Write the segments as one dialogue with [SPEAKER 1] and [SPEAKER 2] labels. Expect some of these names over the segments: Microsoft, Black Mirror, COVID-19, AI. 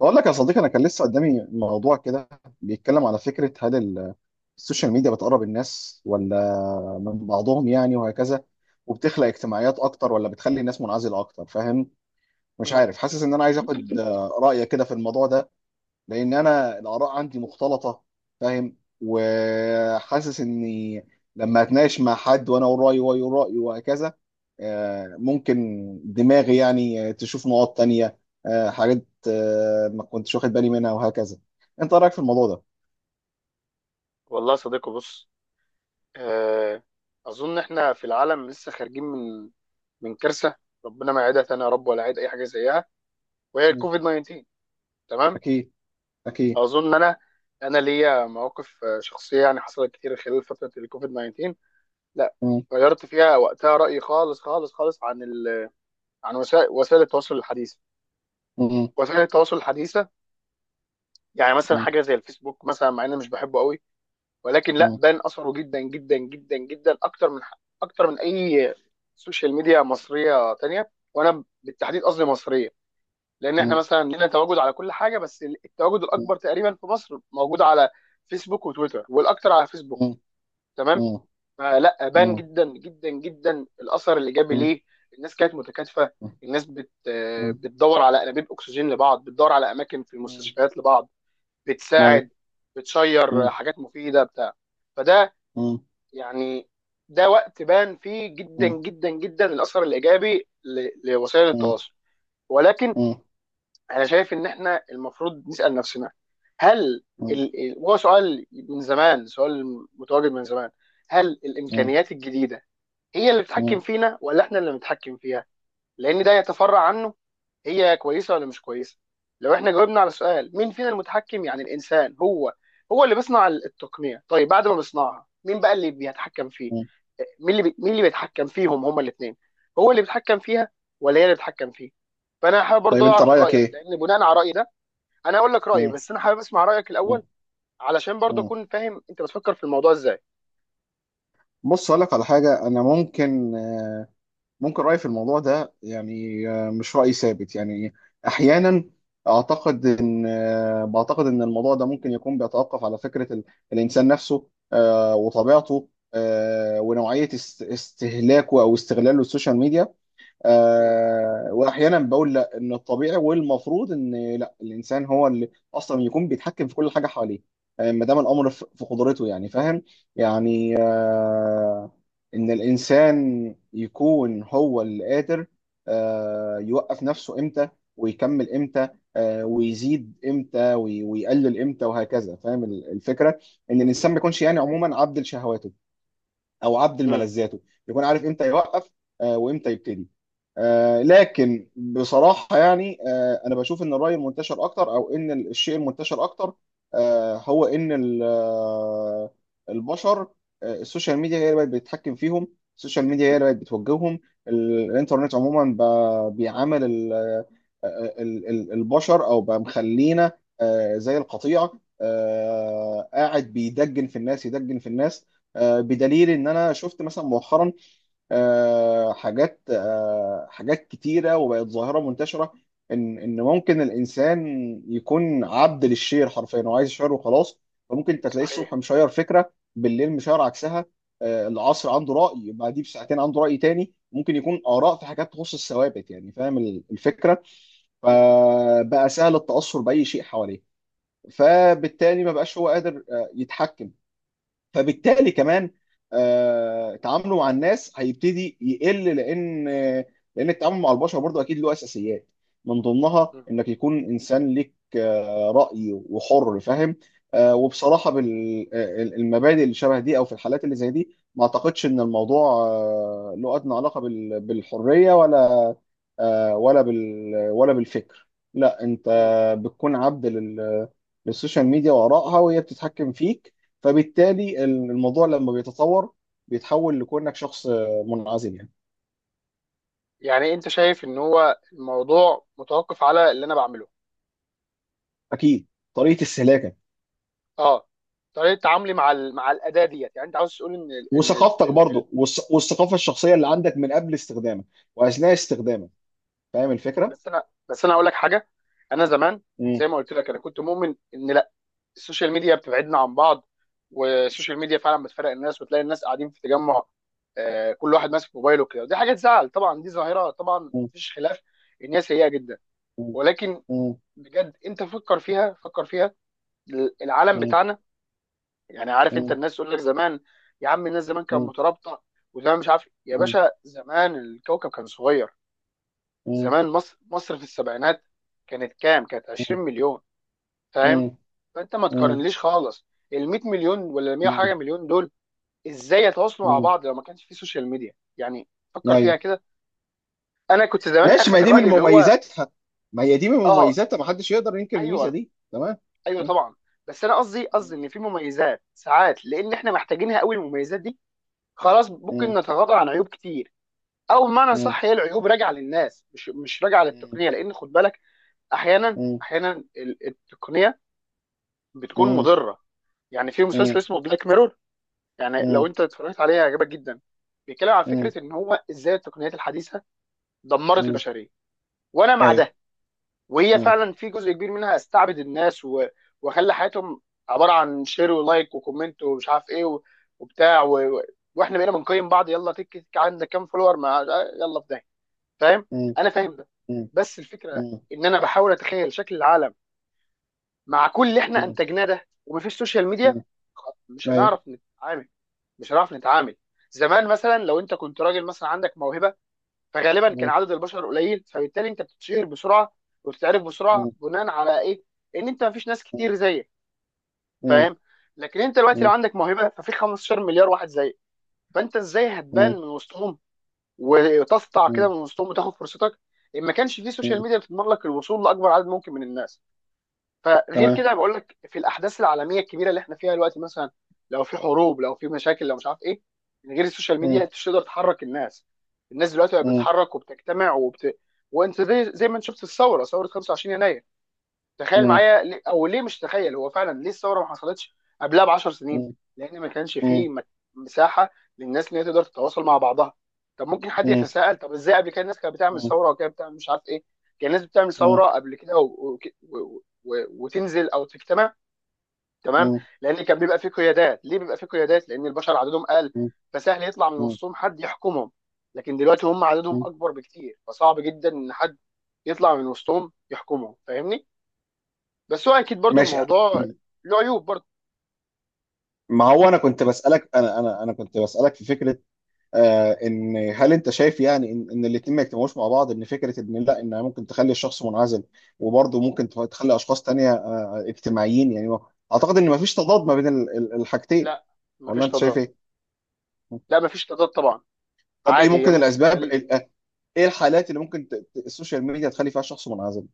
[SPEAKER 1] بقول لك يا صديقي، انا كان لسه قدامي موضوع كده بيتكلم على فكره، هل السوشيال ميديا بتقرب الناس ولا من بعضهم، يعني وهكذا، وبتخلق اجتماعيات اكتر ولا بتخلي الناس منعزله اكتر؟ فاهم؟ مش
[SPEAKER 2] مم.
[SPEAKER 1] عارف، حاسس ان انا عايز اخد رايك كده في الموضوع ده، لان انا الاراء عندي مختلطه، فاهم؟ وحاسس اني لما اتناقش مع حد، وانا اقول رايي وهو يقول رايه وهكذا، ممكن دماغي يعني تشوف نقاط تانية، حاجات آه، ما كنتش واخد بالي منها وهكذا. انت رايك في الموضوع ده؟
[SPEAKER 2] والله يا صديقي، بص، آه، اظن احنا في العالم لسه خارجين من كارثه، ربنا ما يعيدها تاني يا رب ولا يعيد اي حاجه زيها، وهي
[SPEAKER 1] مم.
[SPEAKER 2] الكوفيد 19. تمام.
[SPEAKER 1] اكيد. اكيد.
[SPEAKER 2] اظن انا ليا مواقف شخصيه، يعني حصلت كتير خلال فتره الكوفيد 19. لا،
[SPEAKER 1] مم.
[SPEAKER 2] غيرت فيها وقتها رايي خالص خالص خالص عن عن وسائل التواصل الحديثه،
[SPEAKER 1] مم.
[SPEAKER 2] وسائل التواصل الحديثه. يعني مثلا
[SPEAKER 1] مم.
[SPEAKER 2] حاجه زي الفيسبوك، مثلا مع اني مش بحبه قوي، ولكن لا،
[SPEAKER 1] مم.
[SPEAKER 2] بان اثره جدا جدا جدا جدا، اكتر من اي سوشيال ميديا مصريه تانية، وانا بالتحديد قصدي مصريه، لان احنا
[SPEAKER 1] مم.
[SPEAKER 2] مثلا لنا تواجد على كل حاجه، بس التواجد الاكبر تقريبا في مصر موجود على فيسبوك وتويتر، والاكتر على فيسبوك.
[SPEAKER 1] مم.
[SPEAKER 2] تمام.
[SPEAKER 1] مم.
[SPEAKER 2] فلا بان
[SPEAKER 1] مم.
[SPEAKER 2] جدا جدا جدا الاثر الايجابي
[SPEAKER 1] مم.
[SPEAKER 2] ليه. الناس كانت متكاتفه، الناس بت
[SPEAKER 1] مم.
[SPEAKER 2] بتدور على انابيب اكسجين لبعض، بتدور على اماكن في
[SPEAKER 1] مم.
[SPEAKER 2] المستشفيات لبعض، بتساعد،
[SPEAKER 1] أيوة.
[SPEAKER 2] بتشير
[SPEAKER 1] مم.
[SPEAKER 2] حاجات مفيده بتاع. فده
[SPEAKER 1] مم.
[SPEAKER 2] يعني ده وقت بان فيه جدا
[SPEAKER 1] مم.
[SPEAKER 2] جدا جدا الاثر الايجابي لوسائل
[SPEAKER 1] مم.
[SPEAKER 2] التواصل. ولكن
[SPEAKER 1] مم.
[SPEAKER 2] انا شايف ان احنا المفروض نسال نفسنا، هل وهو سؤال من زمان، سؤال متواجد من زمان، هل
[SPEAKER 1] مم.
[SPEAKER 2] الامكانيات الجديده هي اللي بتتحكم
[SPEAKER 1] مم.
[SPEAKER 2] فينا ولا احنا اللي بنتحكم فيها؟ لان ده يتفرع عنه، هي كويسه ولا مش كويسه؟ لو احنا جاوبنا على سؤال مين فينا المتحكم، يعني الانسان هو هو اللي بيصنع التقنيه، طيب بعد ما بيصنعها مين بقى اللي بيتحكم فيه؟
[SPEAKER 1] مم.
[SPEAKER 2] مين اللي بيتحكم فيهم هما الاثنين؟ هو اللي بيتحكم فيها ولا هي اللي بتتحكم فيه؟ فانا حابب
[SPEAKER 1] طيب،
[SPEAKER 2] برضه
[SPEAKER 1] انت
[SPEAKER 2] اعرف
[SPEAKER 1] رايك
[SPEAKER 2] رايك،
[SPEAKER 1] ايه؟
[SPEAKER 2] لان بناء على رايي ده، انا اقول لك رايي،
[SPEAKER 1] مم.
[SPEAKER 2] بس انا حابب اسمع رايك
[SPEAKER 1] مم.
[SPEAKER 2] الاول، علشان برضه
[SPEAKER 1] مم.
[SPEAKER 2] اكون فاهم انت بتفكر في الموضوع ازاي.
[SPEAKER 1] بص، اقول لك على حاجه، انا ممكن رايي في الموضوع ده يعني، مش راي ثابت يعني. احيانا اعتقد ان آه، بعتقد ان الموضوع ده ممكن يكون بيتوقف على فكره الانسان نفسه، وطبيعته، ونوعيه استهلاكه او استغلاله للسوشيال ميديا.
[SPEAKER 2] مم.
[SPEAKER 1] واحيانا بقول لا، ان الطبيعي والمفروض ان لا الانسان هو اللي اصلا يكون بيتحكم في كل حاجه حواليه، ما دام الامر في قدرته، يعني فاهم. يعني ان الانسان يكون هو اللي قادر يوقف نفسه امتى ويكمل امتى، ويزيد امتى ويقلل امتى وهكذا، فاهم الفكره؟ ان
[SPEAKER 2] مم.
[SPEAKER 1] الانسان ما
[SPEAKER 2] مم.
[SPEAKER 1] يكونش، يعني عموما، عبد لشهواته او عبد
[SPEAKER 2] مم.
[SPEAKER 1] لملذاته، يكون عارف امتى يوقف وامتى يبتدي. لكن بصراحه يعني انا بشوف ان الراي المنتشر اكتر، او ان الشيء المنتشر اكتر، هو ان ال- آه، البشر آه، السوشيال ميديا هي اللي بقت بتتحكم فيهم، السوشيال ميديا هي اللي بقت بتوجههم. الانترنت عموما بيعامل البشر، او بقى مخلينا زي القطيع، قاعد بيدجن في الناس، يدجن في الناس، بدليل ان انا شفت مثلا مؤخرا حاجات كتيره وبقت ظاهره منتشره، ان ممكن الانسان يكون عبد للشير حرفيا، هو عايز يشير وخلاص. فممكن انت تلاقيه الصبح
[SPEAKER 2] صحيح.
[SPEAKER 1] مشير فكره، بالليل مشير عكسها، العصر عنده راي، بعديه بساعتين عنده راي تاني، ممكن يكون اراء في حاجات تخص الثوابت، يعني فاهم الفكره.
[SPEAKER 2] مم.
[SPEAKER 1] فبقى سهل التاثر باي شيء حواليه، فبالتالي ما بقاش هو قادر يتحكم. فبالتالي كمان تعامله مع الناس هيبتدي يقل، لان التعامل مع البشر برضه اكيد له اساسيات، من ضمنها انك يكون انسان ليك راي وحر، فاهم؟ وبصراحه، بالمبادئ اللي شبه دي او في الحالات اللي زي دي، ما اعتقدش ان الموضوع له ادنى علاقه بالحريه، ولا بالفكر. لا، انت
[SPEAKER 2] مم.
[SPEAKER 1] بتكون عبد للسوشيال ميديا وارائها، وهي بتتحكم فيك. فبالتالي الموضوع لما بيتطور، بيتحول لكونك شخص منعزل، يعني.
[SPEAKER 2] يعني انت شايف ان هو الموضوع متوقف على اللي انا بعمله؟
[SPEAKER 1] اكيد، طريقه استهلاكك
[SPEAKER 2] اه، طريقه تعاملي مع مع الاداه ديت، يعني انت عاوز تقول ان
[SPEAKER 1] وثقافتك
[SPEAKER 2] ال... ال-
[SPEAKER 1] برضو والثقافه الشخصيه اللي عندك من قبل استخدامك واثناء استخدامك. فاهم الفكره؟
[SPEAKER 2] بس انا اقول لك حاجه. انا زمان،
[SPEAKER 1] مم.
[SPEAKER 2] زي ما قلت لك، انا كنت مؤمن ان لا، السوشيال ميديا بتبعدنا عن بعض، والسوشيال ميديا فعلا بتفرق الناس، وتلاقي الناس قاعدين في تجمع، كل واحد ماسك موبايله كده، ودي حاجه تزعل طبعا، دي ظاهره طبعا،
[SPEAKER 1] مم.
[SPEAKER 2] مفيش خلاف ان هي سيئه جدا.
[SPEAKER 1] مم.
[SPEAKER 2] ولكن
[SPEAKER 1] مم.
[SPEAKER 2] بجد انت فكر فيها، فكر فيها، العالم
[SPEAKER 1] مم.
[SPEAKER 2] بتاعنا، يعني عارف انت
[SPEAKER 1] مم.
[SPEAKER 2] الناس تقول لك زمان، يا عم الناس زمان كانت
[SPEAKER 1] مم.
[SPEAKER 2] مترابطه، وزمان مش عارف يا
[SPEAKER 1] مم.
[SPEAKER 2] باشا، زمان الكوكب كان صغير.
[SPEAKER 1] مم.
[SPEAKER 2] زمان مصر، في السبعينات، كانت كام؟ كانت 20 مليون. فاهم؟
[SPEAKER 1] مم.
[SPEAKER 2] فانت ما
[SPEAKER 1] مم.
[SPEAKER 2] تقارنليش خالص ال 100 مليون، ولا ال 100 حاجه
[SPEAKER 1] مم.
[SPEAKER 2] مليون دول، ازاي يتواصلوا مع
[SPEAKER 1] مم.
[SPEAKER 2] بعض لو ما كانش في سوشيال ميديا؟ يعني فكر فيها
[SPEAKER 1] ايوه.
[SPEAKER 2] كده. انا كنت زمان
[SPEAKER 1] ماشي. ما
[SPEAKER 2] اخد
[SPEAKER 1] هي دي من
[SPEAKER 2] الراي اللي هو
[SPEAKER 1] مميزاتها ما هي دي من
[SPEAKER 2] اه،
[SPEAKER 1] مميزاتها، ما حدش يقدر ينكر الميزه
[SPEAKER 2] ايوه،
[SPEAKER 1] دي. تمام.
[SPEAKER 2] ايوه
[SPEAKER 1] مم.
[SPEAKER 2] طبعا. بس انا قصدي ان في مميزات ساعات، لان احنا محتاجينها قوي المميزات دي، خلاص، ممكن
[SPEAKER 1] مم.
[SPEAKER 2] نتغاضى عن عيوب كتير. او بمعنى
[SPEAKER 1] مم.
[SPEAKER 2] صح، هي العيوب راجعه للناس، مش راجعه
[SPEAKER 1] مم.
[SPEAKER 2] للتقنيه، لان خد بالك، احيانا احيانا التقنيه بتكون
[SPEAKER 1] مم.
[SPEAKER 2] مضره. يعني في مسلسل
[SPEAKER 1] مم.
[SPEAKER 2] اسمه بلاك ميرور، يعني لو
[SPEAKER 1] مم.
[SPEAKER 2] انت اتفرجت عليه هيعجبك جدا، بيتكلم عن
[SPEAKER 1] مم.
[SPEAKER 2] فكره ان هو ازاي التقنيات الحديثه دمرت
[SPEAKER 1] مم.
[SPEAKER 2] البشريه، وانا مع
[SPEAKER 1] ايوه.
[SPEAKER 2] ده. وهي
[SPEAKER 1] مم.
[SPEAKER 2] فعلا في جزء كبير منها استعبد الناس وخلى حياتهم عباره عن شير ولايك وكومنت ومش عارف ايه، وبتاع واحنا بقينا بنقيم بعض، يلا تك تك عندك كام فولور، ما يلا في ده. فاهم؟
[SPEAKER 1] مم.
[SPEAKER 2] انا فاهم ده،
[SPEAKER 1] مم.
[SPEAKER 2] بس الفكره
[SPEAKER 1] مم.
[SPEAKER 2] ان انا بحاول اتخيل شكل العالم مع كل اللي احنا
[SPEAKER 1] مم.
[SPEAKER 2] انتجناه ده ومفيش سوشيال ميديا.
[SPEAKER 1] مم.
[SPEAKER 2] مش
[SPEAKER 1] ايوه.
[SPEAKER 2] هنعرف نتعامل، مش هنعرف نتعامل. زمان مثلا لو انت كنت راجل مثلا عندك موهبه، فغالبا كان
[SPEAKER 1] مم.
[SPEAKER 2] عدد البشر قليل، فبالتالي انت بتتشهر بسرعه، وبتتعرف بسرعه،
[SPEAKER 1] مم.
[SPEAKER 2] بناء على ايه؟ ان انت مفيش ناس كتير زيك.
[SPEAKER 1] مم.
[SPEAKER 2] فاهم؟ لكن انت دلوقتي لو
[SPEAKER 1] مم.
[SPEAKER 2] عندك موهبه، ففي 15 مليار واحد زيك، فانت ازاي هتبان
[SPEAKER 1] مم.
[SPEAKER 2] من وسطهم، وتسطع كده
[SPEAKER 1] مم.
[SPEAKER 2] من وسطهم، وتاخد فرصتك، ان ما كانش في سوشيال
[SPEAKER 1] مم.
[SPEAKER 2] ميديا بتضمن لك الوصول لاكبر عدد ممكن من الناس؟ فغير
[SPEAKER 1] تمام.
[SPEAKER 2] كده، بقول لك في الاحداث العالميه الكبيره اللي احنا فيها دلوقتي، مثلا لو في حروب، لو في مشاكل، لو مش عارف ايه، من غير السوشيال ميديا
[SPEAKER 1] مم.
[SPEAKER 2] انت مش تقدر تحرك الناس. الناس دلوقتي بقت
[SPEAKER 1] مم.
[SPEAKER 2] بتتحرك وبتجتمع وانت زي ما انت شفت الثوره، 25 يناير. تخيل
[SPEAKER 1] مم.
[SPEAKER 2] معايا او ليه، مش تخيل، هو فعلا ليه الثوره ما حصلتش قبلها ب 10 سنين؟
[SPEAKER 1] مم.
[SPEAKER 2] لان ما كانش
[SPEAKER 1] مم.
[SPEAKER 2] فيه مساحه للناس ان هي تقدر تتواصل مع بعضها. طب ممكن حد
[SPEAKER 1] مم.
[SPEAKER 2] يتساءل، طب ازاي قبل كده الناس كانت بتعمل
[SPEAKER 1] مم.
[SPEAKER 2] ثوره، وكانت بتعمل مش عارف ايه، كان الناس بتعمل
[SPEAKER 1] مم.
[SPEAKER 2] ثوره قبل كده وتنزل او تجتمع. تمام.
[SPEAKER 1] مم.
[SPEAKER 2] لان كان بيبقى فيه قيادات، ليه بيبقى فيه قيادات؟ لان البشر عددهم قل، فسهل يطلع من
[SPEAKER 1] مم.
[SPEAKER 2] وسطهم حد يحكمهم، لكن دلوقتي هم عددهم
[SPEAKER 1] مم.
[SPEAKER 2] اكبر بكتير، فصعب جدا ان حد يطلع من وسطهم يحكمهم. فاهمني؟ بس هو اكيد برضو
[SPEAKER 1] ماشي.
[SPEAKER 2] الموضوع له عيوب برضو.
[SPEAKER 1] ما هو، انا كنت بسألك في فكرة، ان، هل انت شايف يعني ان الاتنين ما يجتمعوش مع بعض، ان فكره، ان لا، ان ممكن تخلي الشخص منعزل، وبرضه ممكن تخلي اشخاص تانية، اجتماعيين، يعني اعتقد ان ما فيش تضاد ما بين الحاجتين.
[SPEAKER 2] لا،
[SPEAKER 1] ولا
[SPEAKER 2] مفيش
[SPEAKER 1] انت شايف
[SPEAKER 2] تضاد.
[SPEAKER 1] ايه؟
[SPEAKER 2] لا، مفيش تضاد طبعا.
[SPEAKER 1] طب ايه
[SPEAKER 2] عادي، هي
[SPEAKER 1] ممكن
[SPEAKER 2] ممكن
[SPEAKER 1] الاسباب،
[SPEAKER 2] تخلي،
[SPEAKER 1] ايه الحالات اللي ممكن السوشيال ميديا تخلي فيها شخص منعزل؟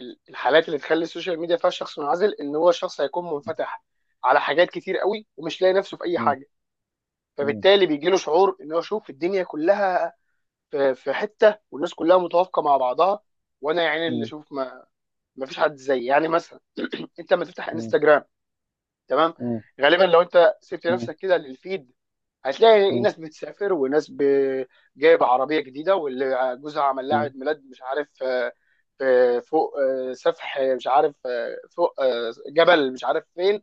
[SPEAKER 2] الحالات اللي تخلي السوشيال ميديا فيها الشخص منعزل، ان هو شخص هيكون منفتح على حاجات كتير قوي، ومش لاقي نفسه في اي
[SPEAKER 1] مم،
[SPEAKER 2] حاجه،
[SPEAKER 1] مم،
[SPEAKER 2] فبالتالي بيجي له شعور ان هو شوف الدنيا كلها، في حته والناس كلها متوافقه مع بعضها، وانا يعني اللي
[SPEAKER 1] مم،
[SPEAKER 2] اشوف ما، مفيش حد زيي، يعني مثلا انت لما تفتح
[SPEAKER 1] مم،
[SPEAKER 2] انستجرام، تمام،
[SPEAKER 1] مم،
[SPEAKER 2] غالبا لو انت سبت
[SPEAKER 1] مم،
[SPEAKER 2] نفسك كده للفيد، هتلاقي
[SPEAKER 1] مم،
[SPEAKER 2] ناس بتسافر، وناس جايبه عربيه جديده، واللي جوزها عمل لها
[SPEAKER 1] مم،
[SPEAKER 2] عيد ميلاد مش عارف، فوق سفح، مش عارف فوق جبل، مش عارف فين.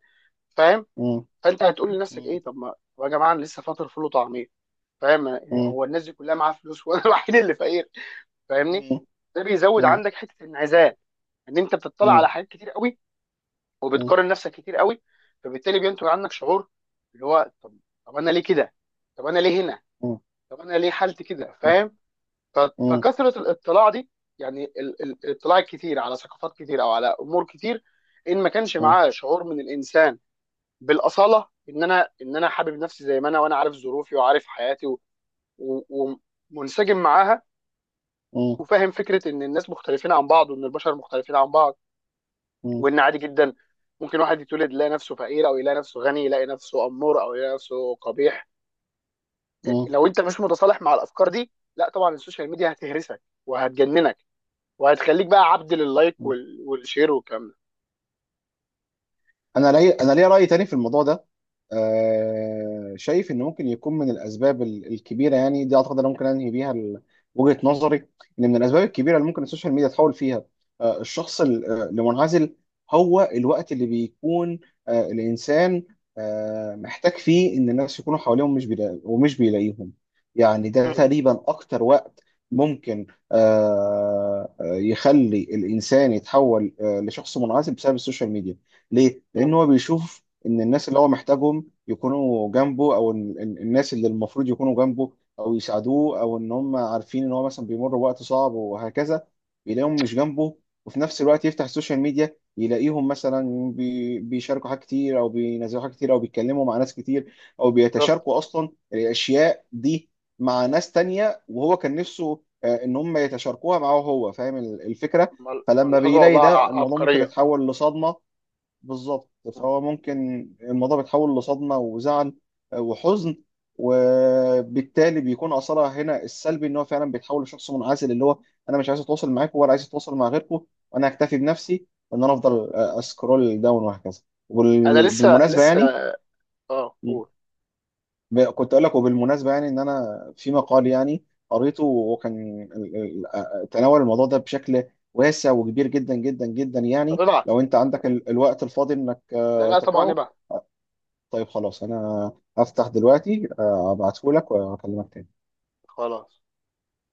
[SPEAKER 2] فاهم؟
[SPEAKER 1] مم،
[SPEAKER 2] فانت هتقول لنفسك
[SPEAKER 1] مم،
[SPEAKER 2] ايه؟ طب ما طب يا جماعه، انا لسه فاطر فول وطعميه، فاهم يعني؟
[SPEAKER 1] مم،
[SPEAKER 2] هو الناس دي كلها معاها فلوس، وانا الوحيد اللي فقير.
[SPEAKER 1] مم،
[SPEAKER 2] فاهمني؟
[SPEAKER 1] مم،
[SPEAKER 2] ده بيزود
[SPEAKER 1] مم،
[SPEAKER 2] عندك حته الانعزال، ان انت بتطلع على حاجات كتير قوي،
[SPEAKER 1] مم،
[SPEAKER 2] وبتقارن نفسك كتير قوي، فبالتالي بينتج عنك شعور اللي هو طب، انا ليه كده؟ طب انا ليه هنا؟ طب انا ليه حالتي كده؟ فاهم؟ ف-
[SPEAKER 1] مم،
[SPEAKER 2] فكثره الاطلاع دي، يعني الاطلاع الكتير على ثقافات كتير او على امور كتير، ان ما كانش معاه شعور من الانسان بالاصاله، ان انا حابب نفسي زي ما انا، وانا عارف ظروفي وعارف حياتي و- ومنسجم معاها،
[SPEAKER 1] مم،
[SPEAKER 2] وفاهم فكره ان الناس مختلفين عن بعض، وان البشر مختلفين عن بعض،
[SPEAKER 1] مم،
[SPEAKER 2] وان عادي جدا ممكن واحد يتولد يلاقي نفسه فقير، او يلاقي نفسه غني، يلاقي نفسه امور، او يلاقي نفسه قبيح. إيه،
[SPEAKER 1] مم،
[SPEAKER 2] لو انت مش متصالح مع الافكار دي، لا طبعا السوشيال ميديا هتهرسك وهتجننك، وهتخليك بقى عبد لللايك
[SPEAKER 1] مم.
[SPEAKER 2] والشير والكلام ده.
[SPEAKER 1] انا انا ليا راي تاني في الموضوع ده. شايف ان ممكن يكون من الاسباب الكبيره يعني، دي اعتقد انا ممكن انهي بيها وجهه نظري، ان من الاسباب الكبيره اللي ممكن السوشيال ميديا تحول فيها الشخص المنعزل، هو الوقت اللي بيكون الانسان محتاج فيه ان الناس يكونوا حواليهم، مش بيلا... ومش بيلاقيهم. يعني ده
[SPEAKER 2] مم.
[SPEAKER 1] تقريبا اكتر وقت ممكن يخلي الانسان يتحول لشخص منعزل بسبب السوشيال ميديا. ليه؟ لأن
[SPEAKER 2] مم.
[SPEAKER 1] هو بيشوف إن الناس اللي هو محتاجهم يكونوا جنبه، أو الناس اللي المفروض يكونوا جنبه أو يساعدوه، أو إن هم عارفين إن هو مثلا بيمر بوقت صعب وهكذا، يلاقيهم مش جنبه. وفي نفس الوقت يفتح السوشيال ميديا يلاقيهم مثلا بيشاركوا حاجات كتير، أو بينزلوا حاجات كتير، أو بيتكلموا مع ناس كتير، أو
[SPEAKER 2] بالظبط.
[SPEAKER 1] بيتشاركوا أصلا الأشياء دي مع ناس تانية، وهو كان نفسه إن هم يتشاركوها معاه هو. فاهم الفكرة؟ فلما
[SPEAKER 2] ملحوظه
[SPEAKER 1] بيلاقي
[SPEAKER 2] والله،
[SPEAKER 1] ده الموضوع ممكن
[SPEAKER 2] عبقريه.
[SPEAKER 1] يتحول لصدمة. بالظبط.
[SPEAKER 2] مم.
[SPEAKER 1] فهو ممكن الموضوع بيتحول لصدمة وزعل وحزن، وبالتالي بيكون أثرها هنا السلبي، إن هو فعلا بيتحول لشخص منعزل، اللي هو، أنا مش عايز أتواصل معاكم ولا عايز أتواصل مع غيركم، وأنا هكتفي بنفسي وإن أنا أفضل
[SPEAKER 2] مم.
[SPEAKER 1] أسكرول داون وهكذا.
[SPEAKER 2] انا لسه،
[SPEAKER 1] وبالمناسبة يعني،
[SPEAKER 2] اه، قول.
[SPEAKER 1] كنت أقول لك، وبالمناسبة يعني إن أنا في مقال يعني قريته، وكان تناول الموضوع ده بشكل واسع وكبير جدا جدا جدا،
[SPEAKER 2] طب،
[SPEAKER 1] يعني
[SPEAKER 2] ابعت.
[SPEAKER 1] لو أنت عندك الوقت الفاضي إنك
[SPEAKER 2] لا، لا طبعا،
[SPEAKER 1] تقرأه.
[SPEAKER 2] ابعت.
[SPEAKER 1] طيب خلاص، انا هفتح دلوقتي ابعتهولك واكلمك تاني.
[SPEAKER 2] خلاص.